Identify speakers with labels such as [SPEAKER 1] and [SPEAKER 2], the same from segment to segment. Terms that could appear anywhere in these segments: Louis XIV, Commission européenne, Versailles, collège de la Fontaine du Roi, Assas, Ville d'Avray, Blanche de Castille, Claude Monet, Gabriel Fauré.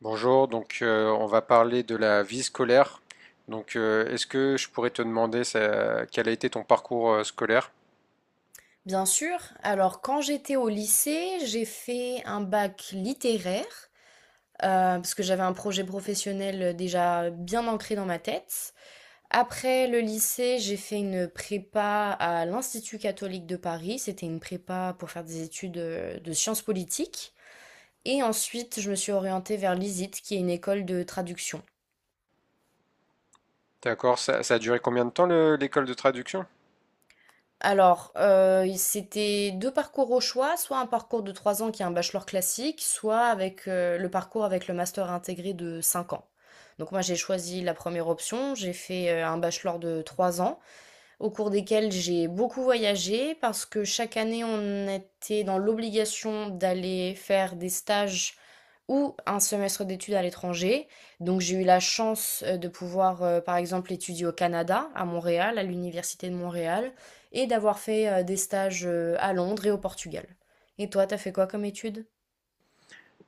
[SPEAKER 1] Bonjour, on va parler de la vie scolaire. Est-ce que je pourrais te demander quel a été ton parcours scolaire?
[SPEAKER 2] Bien sûr. Alors, quand j'étais au lycée, j'ai fait un bac littéraire, parce que j'avais un projet professionnel déjà bien ancré dans ma tête. Après le lycée, j'ai fait une prépa à l'Institut catholique de Paris. C'était une prépa pour faire des études de sciences politiques. Et ensuite, je me suis orientée vers l'ISIT, qui est une école de traduction.
[SPEAKER 1] D'accord, ça a duré combien de temps l'école de traduction?
[SPEAKER 2] Alors, il c'était 2 parcours au choix, soit un parcours de 3 ans qui est un bachelor classique, soit le parcours avec le master intégré de 5 ans. Donc moi, j'ai choisi la première option, j'ai fait un bachelor de 3 ans, au cours desquels j'ai beaucoup voyagé parce que chaque année, on était dans l'obligation d'aller faire des stages ou un semestre d'études à l'étranger. Donc j'ai eu la chance de par exemple, étudier au Canada, à Montréal, à l'Université de Montréal, et d'avoir fait des stages à Londres et au Portugal. Et toi, t'as fait quoi comme études?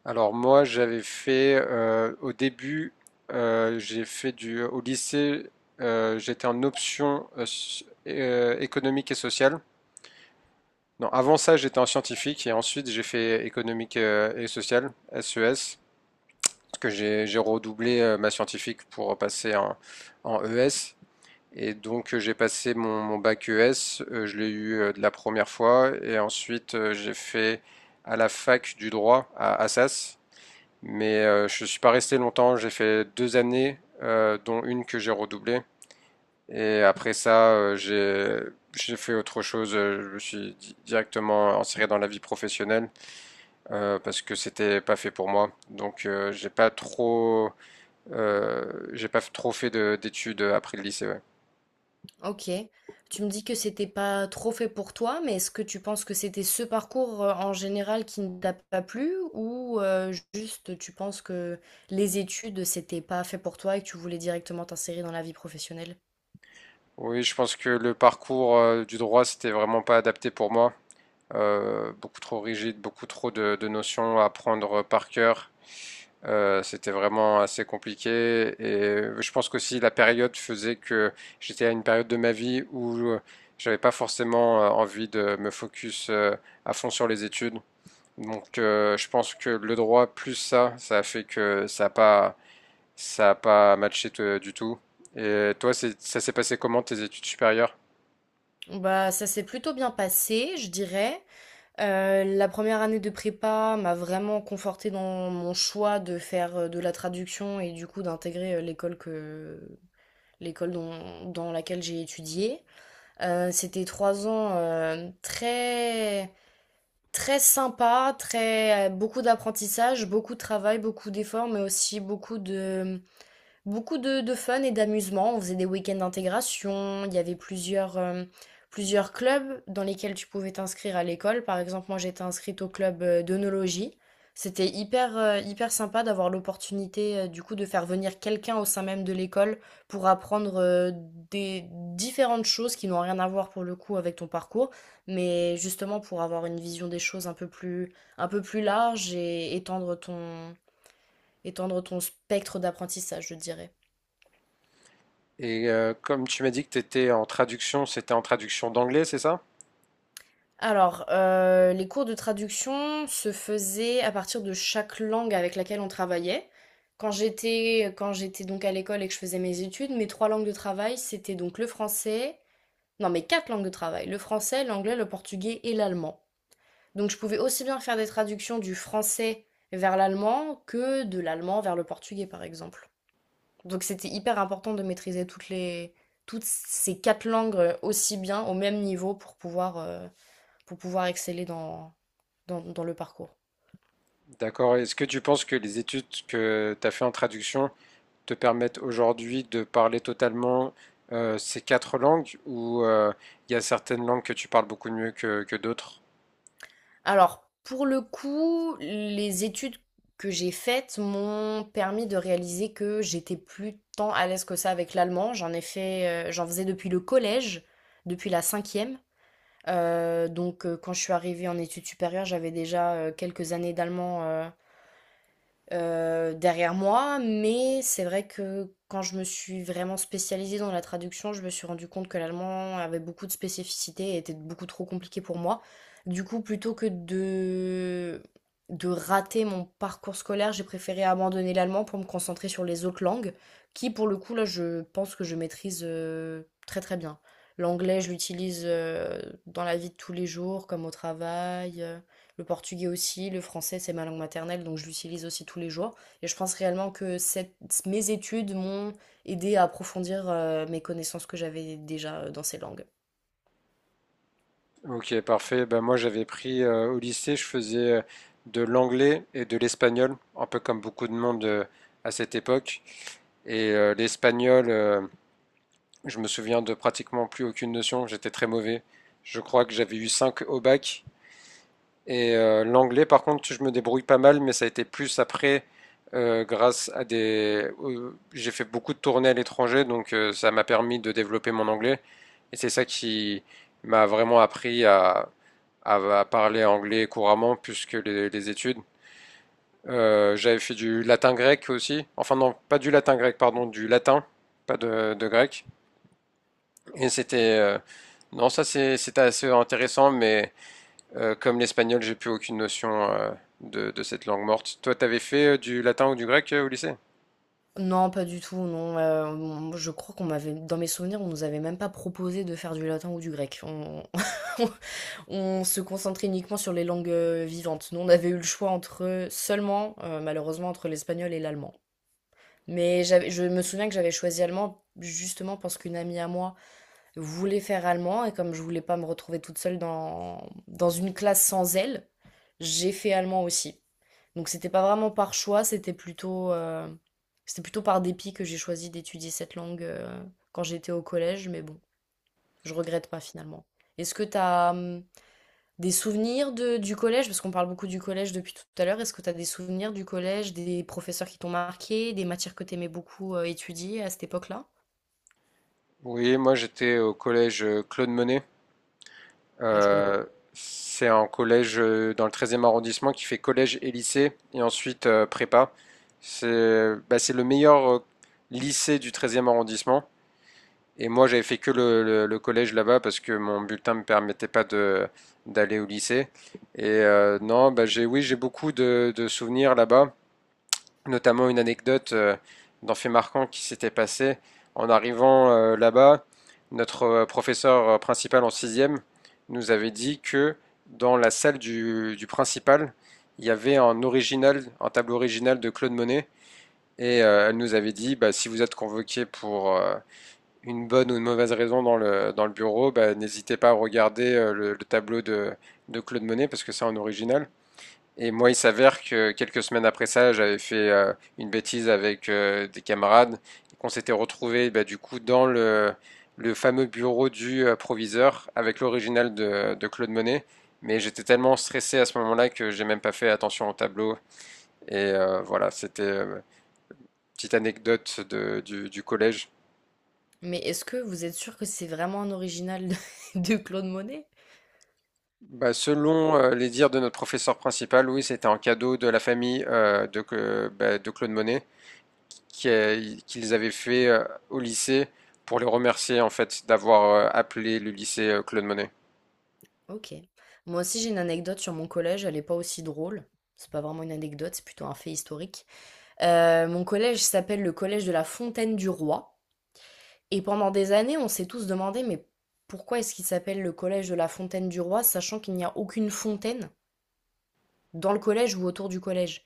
[SPEAKER 1] Alors moi j'avais fait au début j'ai fait du au lycée j'étais en option économique et sociale. Non, avant ça j'étais en scientifique et ensuite j'ai fait économique et sociale, SES. Que j'ai redoublé ma scientifique pour passer en ES. Et donc j'ai passé mon bac ES, je l'ai eu de la première fois, et ensuite j'ai fait à la fac du droit à Assas, mais je ne suis pas resté longtemps, j'ai fait deux années, dont une que j'ai redoublée, et après ça j'ai fait autre chose, je me suis directement inséré dans la vie professionnelle parce que c'était pas fait pour moi, donc j'ai pas trop fait d'études après le lycée, ouais.
[SPEAKER 2] Ok. Tu me dis que c'était pas trop fait pour toi, mais est-ce que tu penses que c'était ce parcours en général qui ne t'a pas plu, ou juste tu penses que les études, c'était pas fait pour toi et que tu voulais directement t'insérer dans la vie professionnelle?
[SPEAKER 1] Oui, je pense que le parcours du droit, c'était vraiment pas adapté pour moi. Beaucoup trop rigide, beaucoup trop de notions à apprendre par cœur. C'était vraiment assez compliqué. Et je pense qu'aussi la période faisait que j'étais à une période de ma vie où j'avais pas forcément envie de me focus à fond sur les études. Donc, je pense que le droit plus ça, ça a fait que ça a pas Ça a pas matché du tout. Et toi, ça s'est passé comment tes études supérieures?
[SPEAKER 2] Bah, ça s'est plutôt bien passé, je dirais. La première année de prépa m'a vraiment confortée dans mon choix de faire de la traduction et du coup d'intégrer l'école que l'école dont- dans laquelle j'ai étudié. C'était trois ans, très très sympa, très beaucoup d'apprentissage, beaucoup de travail, beaucoup d'efforts, mais aussi beaucoup de fun et d'amusement. On faisait des week-ends d'intégration. Il y avait plusieurs clubs dans lesquels tu pouvais t'inscrire à l'école. Par exemple, moi, j'étais inscrite au club d'onologie. C'était hyper sympa d'avoir l'opportunité, du coup, de faire venir quelqu'un au sein même de l'école pour apprendre des différentes choses qui n'ont rien à voir pour le coup avec ton parcours, mais justement pour avoir une vision des choses un peu plus large et étendre ton spectre d'apprentissage, je dirais.
[SPEAKER 1] Et comme tu m'as dit que tu étais en traduction, c'était en traduction d'anglais, c'est ça?
[SPEAKER 2] Alors, les cours de traduction se faisaient à partir de chaque langue avec laquelle on travaillait. Quand j'étais donc à l'école et que je faisais mes études, mes 3 langues de travail, c'était donc le français non, mes 4 langues de travail, le français, l'anglais, le portugais et l'allemand. Donc je pouvais aussi bien faire des traductions du français vers l'allemand que de l'allemand vers le portugais, par exemple. Donc c'était hyper important de maîtriser toutes ces 4 langues, aussi bien, au même niveau pour pouvoir exceller dans le parcours.
[SPEAKER 1] D'accord. Est-ce que tu penses que les études que tu as fait en traduction te permettent aujourd'hui de parler totalement ces quatre langues ou il y a certaines langues que tu parles beaucoup mieux que d'autres?
[SPEAKER 2] Alors, pour le coup, les études que j'ai faites m'ont permis de réaliser que j'étais plus tant à l'aise que ça avec l'allemand. J'en faisais depuis le collège, depuis la cinquième. Donc, quand je suis arrivée en études supérieures, j'avais déjà quelques années d'allemand derrière moi, mais c'est vrai que quand je me suis vraiment spécialisée dans la traduction, je me suis rendu compte que l'allemand avait beaucoup de spécificités et était beaucoup trop compliqué pour moi. Du coup, plutôt que de rater mon parcours scolaire, j'ai préféré abandonner l'allemand pour me concentrer sur les autres langues, qui pour le coup, là, je pense que je maîtrise très très bien. L'anglais, je l'utilise dans la vie de tous les jours, comme au travail. Le portugais aussi, le français, c'est ma langue maternelle, donc je l'utilise aussi tous les jours. Et je pense réellement que mes études m'ont aidé à approfondir mes connaissances que j'avais déjà dans ces langues.
[SPEAKER 1] Ok, parfait. Ben, moi, j'avais pris au lycée, je faisais de l'anglais et de l'espagnol, un peu comme beaucoup de monde à cette époque. Et l'espagnol, je me souviens de pratiquement plus aucune notion, j'étais très mauvais. Je crois que j'avais eu 5 au bac. Et l'anglais, par contre, je me débrouille pas mal, mais ça a été plus après, grâce à j'ai fait beaucoup de tournées à l'étranger, donc ça m'a permis de développer mon anglais. Et c'est ça qui m'a vraiment appris à, à parler anglais couramment, plus que les études. J'avais fait du latin grec aussi. Enfin non, pas du latin grec, pardon, du latin, pas de grec. Et c'était... non, ça c'est- c'était assez intéressant, mais comme l'espagnol, j'ai plus aucune notion de cette langue morte. Toi, t'avais fait du latin ou du grec au lycée?
[SPEAKER 2] Non, pas du tout, non. Je crois qu'on m'avait, dans mes souvenirs, on nous avait même pas proposé de faire du latin ou du grec. On, on se concentrait uniquement sur les langues vivantes. Nous, on avait eu le choix entre seulement, malheureusement, entre l'espagnol et l'allemand. Mais je me souviens que j'avais choisi allemand justement parce qu'une amie à moi voulais faire allemand et comme je voulais pas me retrouver toute seule dans une classe sans elle, j'ai fait allemand aussi. Donc c'était pas vraiment par choix, c'était plutôt par dépit que j'ai choisi d'étudier cette langue quand j'étais au collège, mais bon, je regrette pas finalement. Est-ce que t'as des souvenirs du collège? Parce qu'on parle beaucoup du collège depuis tout à l'heure. Est-ce que t'as des souvenirs du collège, des professeurs qui t'ont marqué, des matières que t'aimais beaucoup étudier à cette époque-là?
[SPEAKER 1] Oui, moi j'étais au collège Claude Monet.
[SPEAKER 2] Là, je connais pas.
[SPEAKER 1] Euh, c'est un collège dans le treizième arrondissement qui fait collège et lycée, et ensuite prépa. C'est bah, c'est le meilleur lycée du treizième arrondissement. Et moi, j'avais fait que le collège là-bas parce que mon bulletin me permettait pas de d'aller au lycée. Et non, bah j'ai oui, j'ai beaucoup de souvenirs là-bas, notamment une anecdote d'un fait marquant qui s'était passé en arrivant là-bas. Notre professeur principal en sixième nous avait dit que dans la salle du principal, il y avait un original, un tableau original de Claude Monet. Et elle nous avait dit, bah, si vous êtes convoqué pour une bonne ou une mauvaise raison dans le bureau, bah, n'hésitez pas à regarder le tableau de Claude Monet parce que c'est en original. Et moi, il s'avère que quelques semaines après ça, j'avais fait une bêtise avec des camarades qu'on s'était retrouvés bah, du coup dans le fameux bureau du proviseur avec l'original de Claude Monet. Mais j'étais tellement stressé à ce moment-là que j'ai même pas fait attention au tableau. Et voilà, c'était petite anecdote du collège.
[SPEAKER 2] Mais est-ce que vous êtes sûr que c'est vraiment un original de de Claude Monet?
[SPEAKER 1] Bah, selon les dires de notre professeur principal, oui, c'était un cadeau de la famille bah, de Claude Monet qui, qu'ils avaient fait au lycée pour les remercier en fait d'avoir appelé le lycée Claude Monet.
[SPEAKER 2] OK. Moi aussi, j'ai une anecdote sur mon collège, elle est pas aussi drôle. C'est pas vraiment une anecdote, c'est plutôt un fait historique. Mon collège s'appelle le collège de la Fontaine du Roi et pendant des années, on s'est tous demandé: «Mais pourquoi est-ce qu'il s'appelle le collège de la Fontaine du Roi ?» sachant qu'il n'y a aucune fontaine dans le collège ou autour du collège.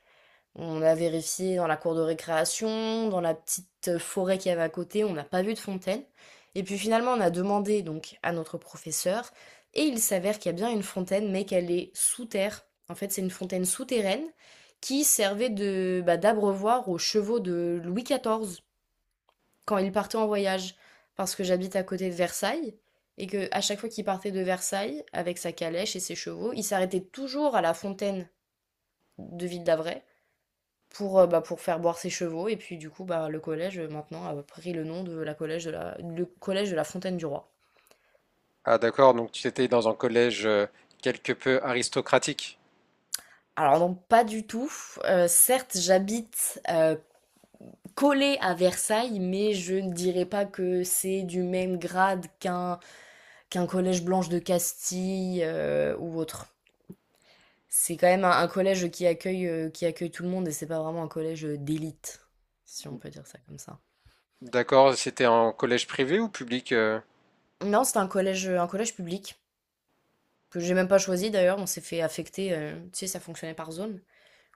[SPEAKER 2] On a vérifié dans la cour de récréation, dans la petite forêt qu'il y avait à côté, on n'a pas vu de fontaine. Et puis finalement, on a demandé donc à notre professeur, et il s'avère qu'il y a bien une fontaine, mais qu'elle est sous terre. En fait, c'est une fontaine souterraine qui servait de bah, d'abreuvoir aux chevaux de Louis XIV quand il partait en voyage. Parce que j'habite à côté de Versailles, et que à chaque fois qu'il partait de Versailles avec sa calèche et ses chevaux, il s'arrêtait toujours à la fontaine de Ville d'Avray pour, bah, pour faire boire ses chevaux et puis du coup, bah, le collège, maintenant a pris le nom de la collège de la le collège de la Fontaine du Roi.
[SPEAKER 1] Ah d'accord, donc tu étais dans un collège quelque peu aristocratique.
[SPEAKER 2] Alors non, pas du tout, certes j'habite, collée à Versailles, mais je ne dirais pas que c'est du même grade qu'un collège Blanche de Castille, ou autre. C'est quand même un collège qui accueille tout le monde et c'est pas vraiment un collège d'élite, si on peut dire ça comme ça.
[SPEAKER 1] D'accord, c'était un collège privé ou public?
[SPEAKER 2] Non, c'est un collège public. Que j'ai même pas choisi d'ailleurs, on s'est fait affecter, tu sais, ça fonctionnait par zone.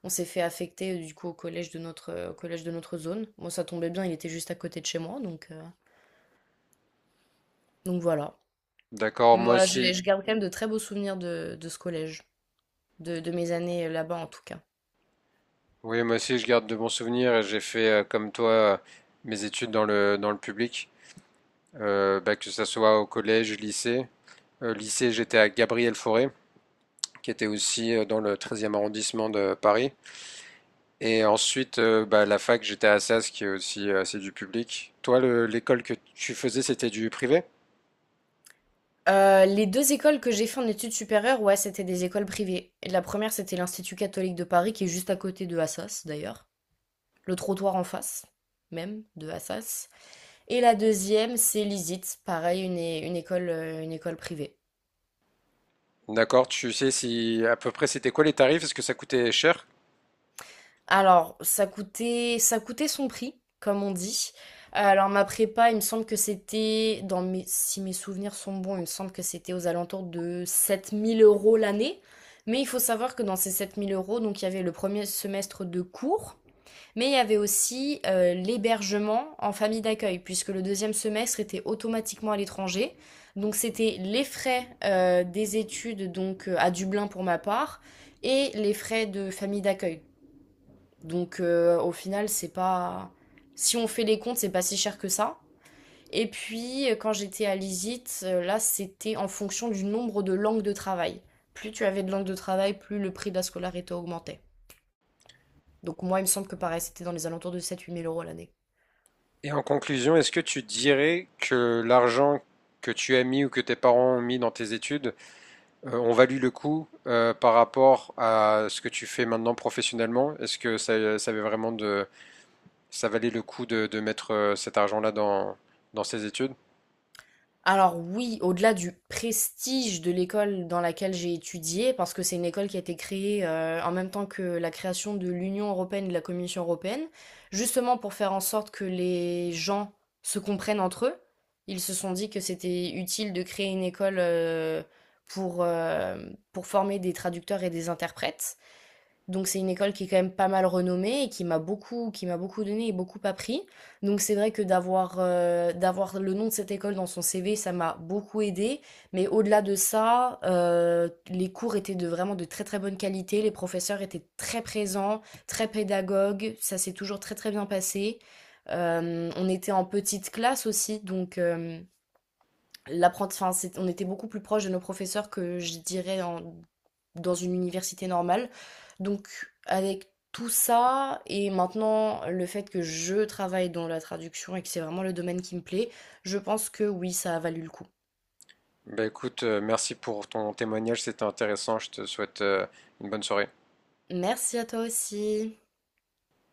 [SPEAKER 2] On s'est fait affecter du coup au collège de notre, au collège de notre zone. Moi, ça tombait bien, il était juste à côté de chez moi, donc voilà.
[SPEAKER 1] D'accord,
[SPEAKER 2] Mais
[SPEAKER 1] moi
[SPEAKER 2] voilà, j'ai-
[SPEAKER 1] aussi.
[SPEAKER 2] je, garde quand même de très beaux souvenirs de ce collège, de mes années là-bas en tout cas.
[SPEAKER 1] Oui, moi aussi je garde de bons souvenirs et j'ai fait comme toi mes études dans le public. Bah, que ce soit au collège, lycée. Lycée, j'étais à Gabriel Fauré, qui était aussi dans le treizième arrondissement de Paris. Et ensuite, bah, la fac, j'étais à Assas, qui est aussi c'est du public. Toi, l'école que tu faisais, c'était du privé?
[SPEAKER 2] Les deux écoles que j'ai fait en études supérieures, ouais, c'était des écoles privées. Et la première, c'était l'Institut catholique de Paris, qui est juste à côté de Assas d'ailleurs, le trottoir en face même de Assas. Et la deuxième, c'est l'ISIT, pareil, une école privée.
[SPEAKER 1] D'accord, tu sais si à peu près c'était quoi les tarifs? Est-ce que ça coûtait cher?
[SPEAKER 2] Alors, ça coûtait son prix, comme on dit. Alors, ma prépa, il me semble que c'était, dans mes, si mes souvenirs sont bons, il me semble que c'était aux alentours de 7 000 euros l'année. Mais il faut savoir que dans ces 7 000 euros, donc il y avait le premier semestre de cours, mais il y avait aussi l'hébergement en famille d'accueil, puisque le deuxième semestre était automatiquement à l'étranger. Donc c'était les frais des études à Dublin pour ma part et les frais de famille d'accueil. Donc au final, c'est pas si on fait les comptes, c'est pas si cher que ça. Et puis quand j'étais à l'ISIT, là c'était en fonction du nombre de langues de travail. Plus tu avais de langues de travail, plus le prix de la scolarité augmentait. Donc moi, il me semble que pareil, c'était dans les alentours de 7 8 000 euros l'année.
[SPEAKER 1] Et en conclusion, est-ce que tu dirais que l'argent que tu as mis ou que tes parents ont mis dans tes études ont valu le coup par rapport à ce que tu fais maintenant professionnellement? Est-ce que ça valait le coup de mettre cet argent-là dans, dans ses études.
[SPEAKER 2] Alors oui, au-delà du prestige de l'école dans laquelle j'ai étudié, parce que c'est une école qui a été créée en même temps que la création de l'Union européenne et de la Commission européenne, justement pour faire en sorte que les gens se comprennent entre eux. Ils se sont dit que c'était utile de créer une école pour, euh, pour former des traducteurs et des interprètes. Donc c'est une école qui est quand même pas mal renommée et qui m'a beaucoup donné et beaucoup appris. Donc c'est vrai que d'avoir le nom de cette école dans son CV, ça m'a beaucoup aidé. Mais au-delà de ça, les cours étaient de vraiment de très très bonne qualité. Les professeurs étaient très présents, très pédagogues. Ça s'est toujours très très bien passé. On était en petite classe aussi, donc enfin, on était beaucoup plus proche de nos professeurs que je dirais dans une université normale. Donc avec tout ça et maintenant le fait que je travaille dans la traduction et que c'est vraiment le domaine qui me plaît, je pense que oui, ça a valu le coup.
[SPEAKER 1] Bah écoute, merci pour ton témoignage, c'était intéressant. Je te souhaite une bonne soirée.
[SPEAKER 2] Merci à toi aussi.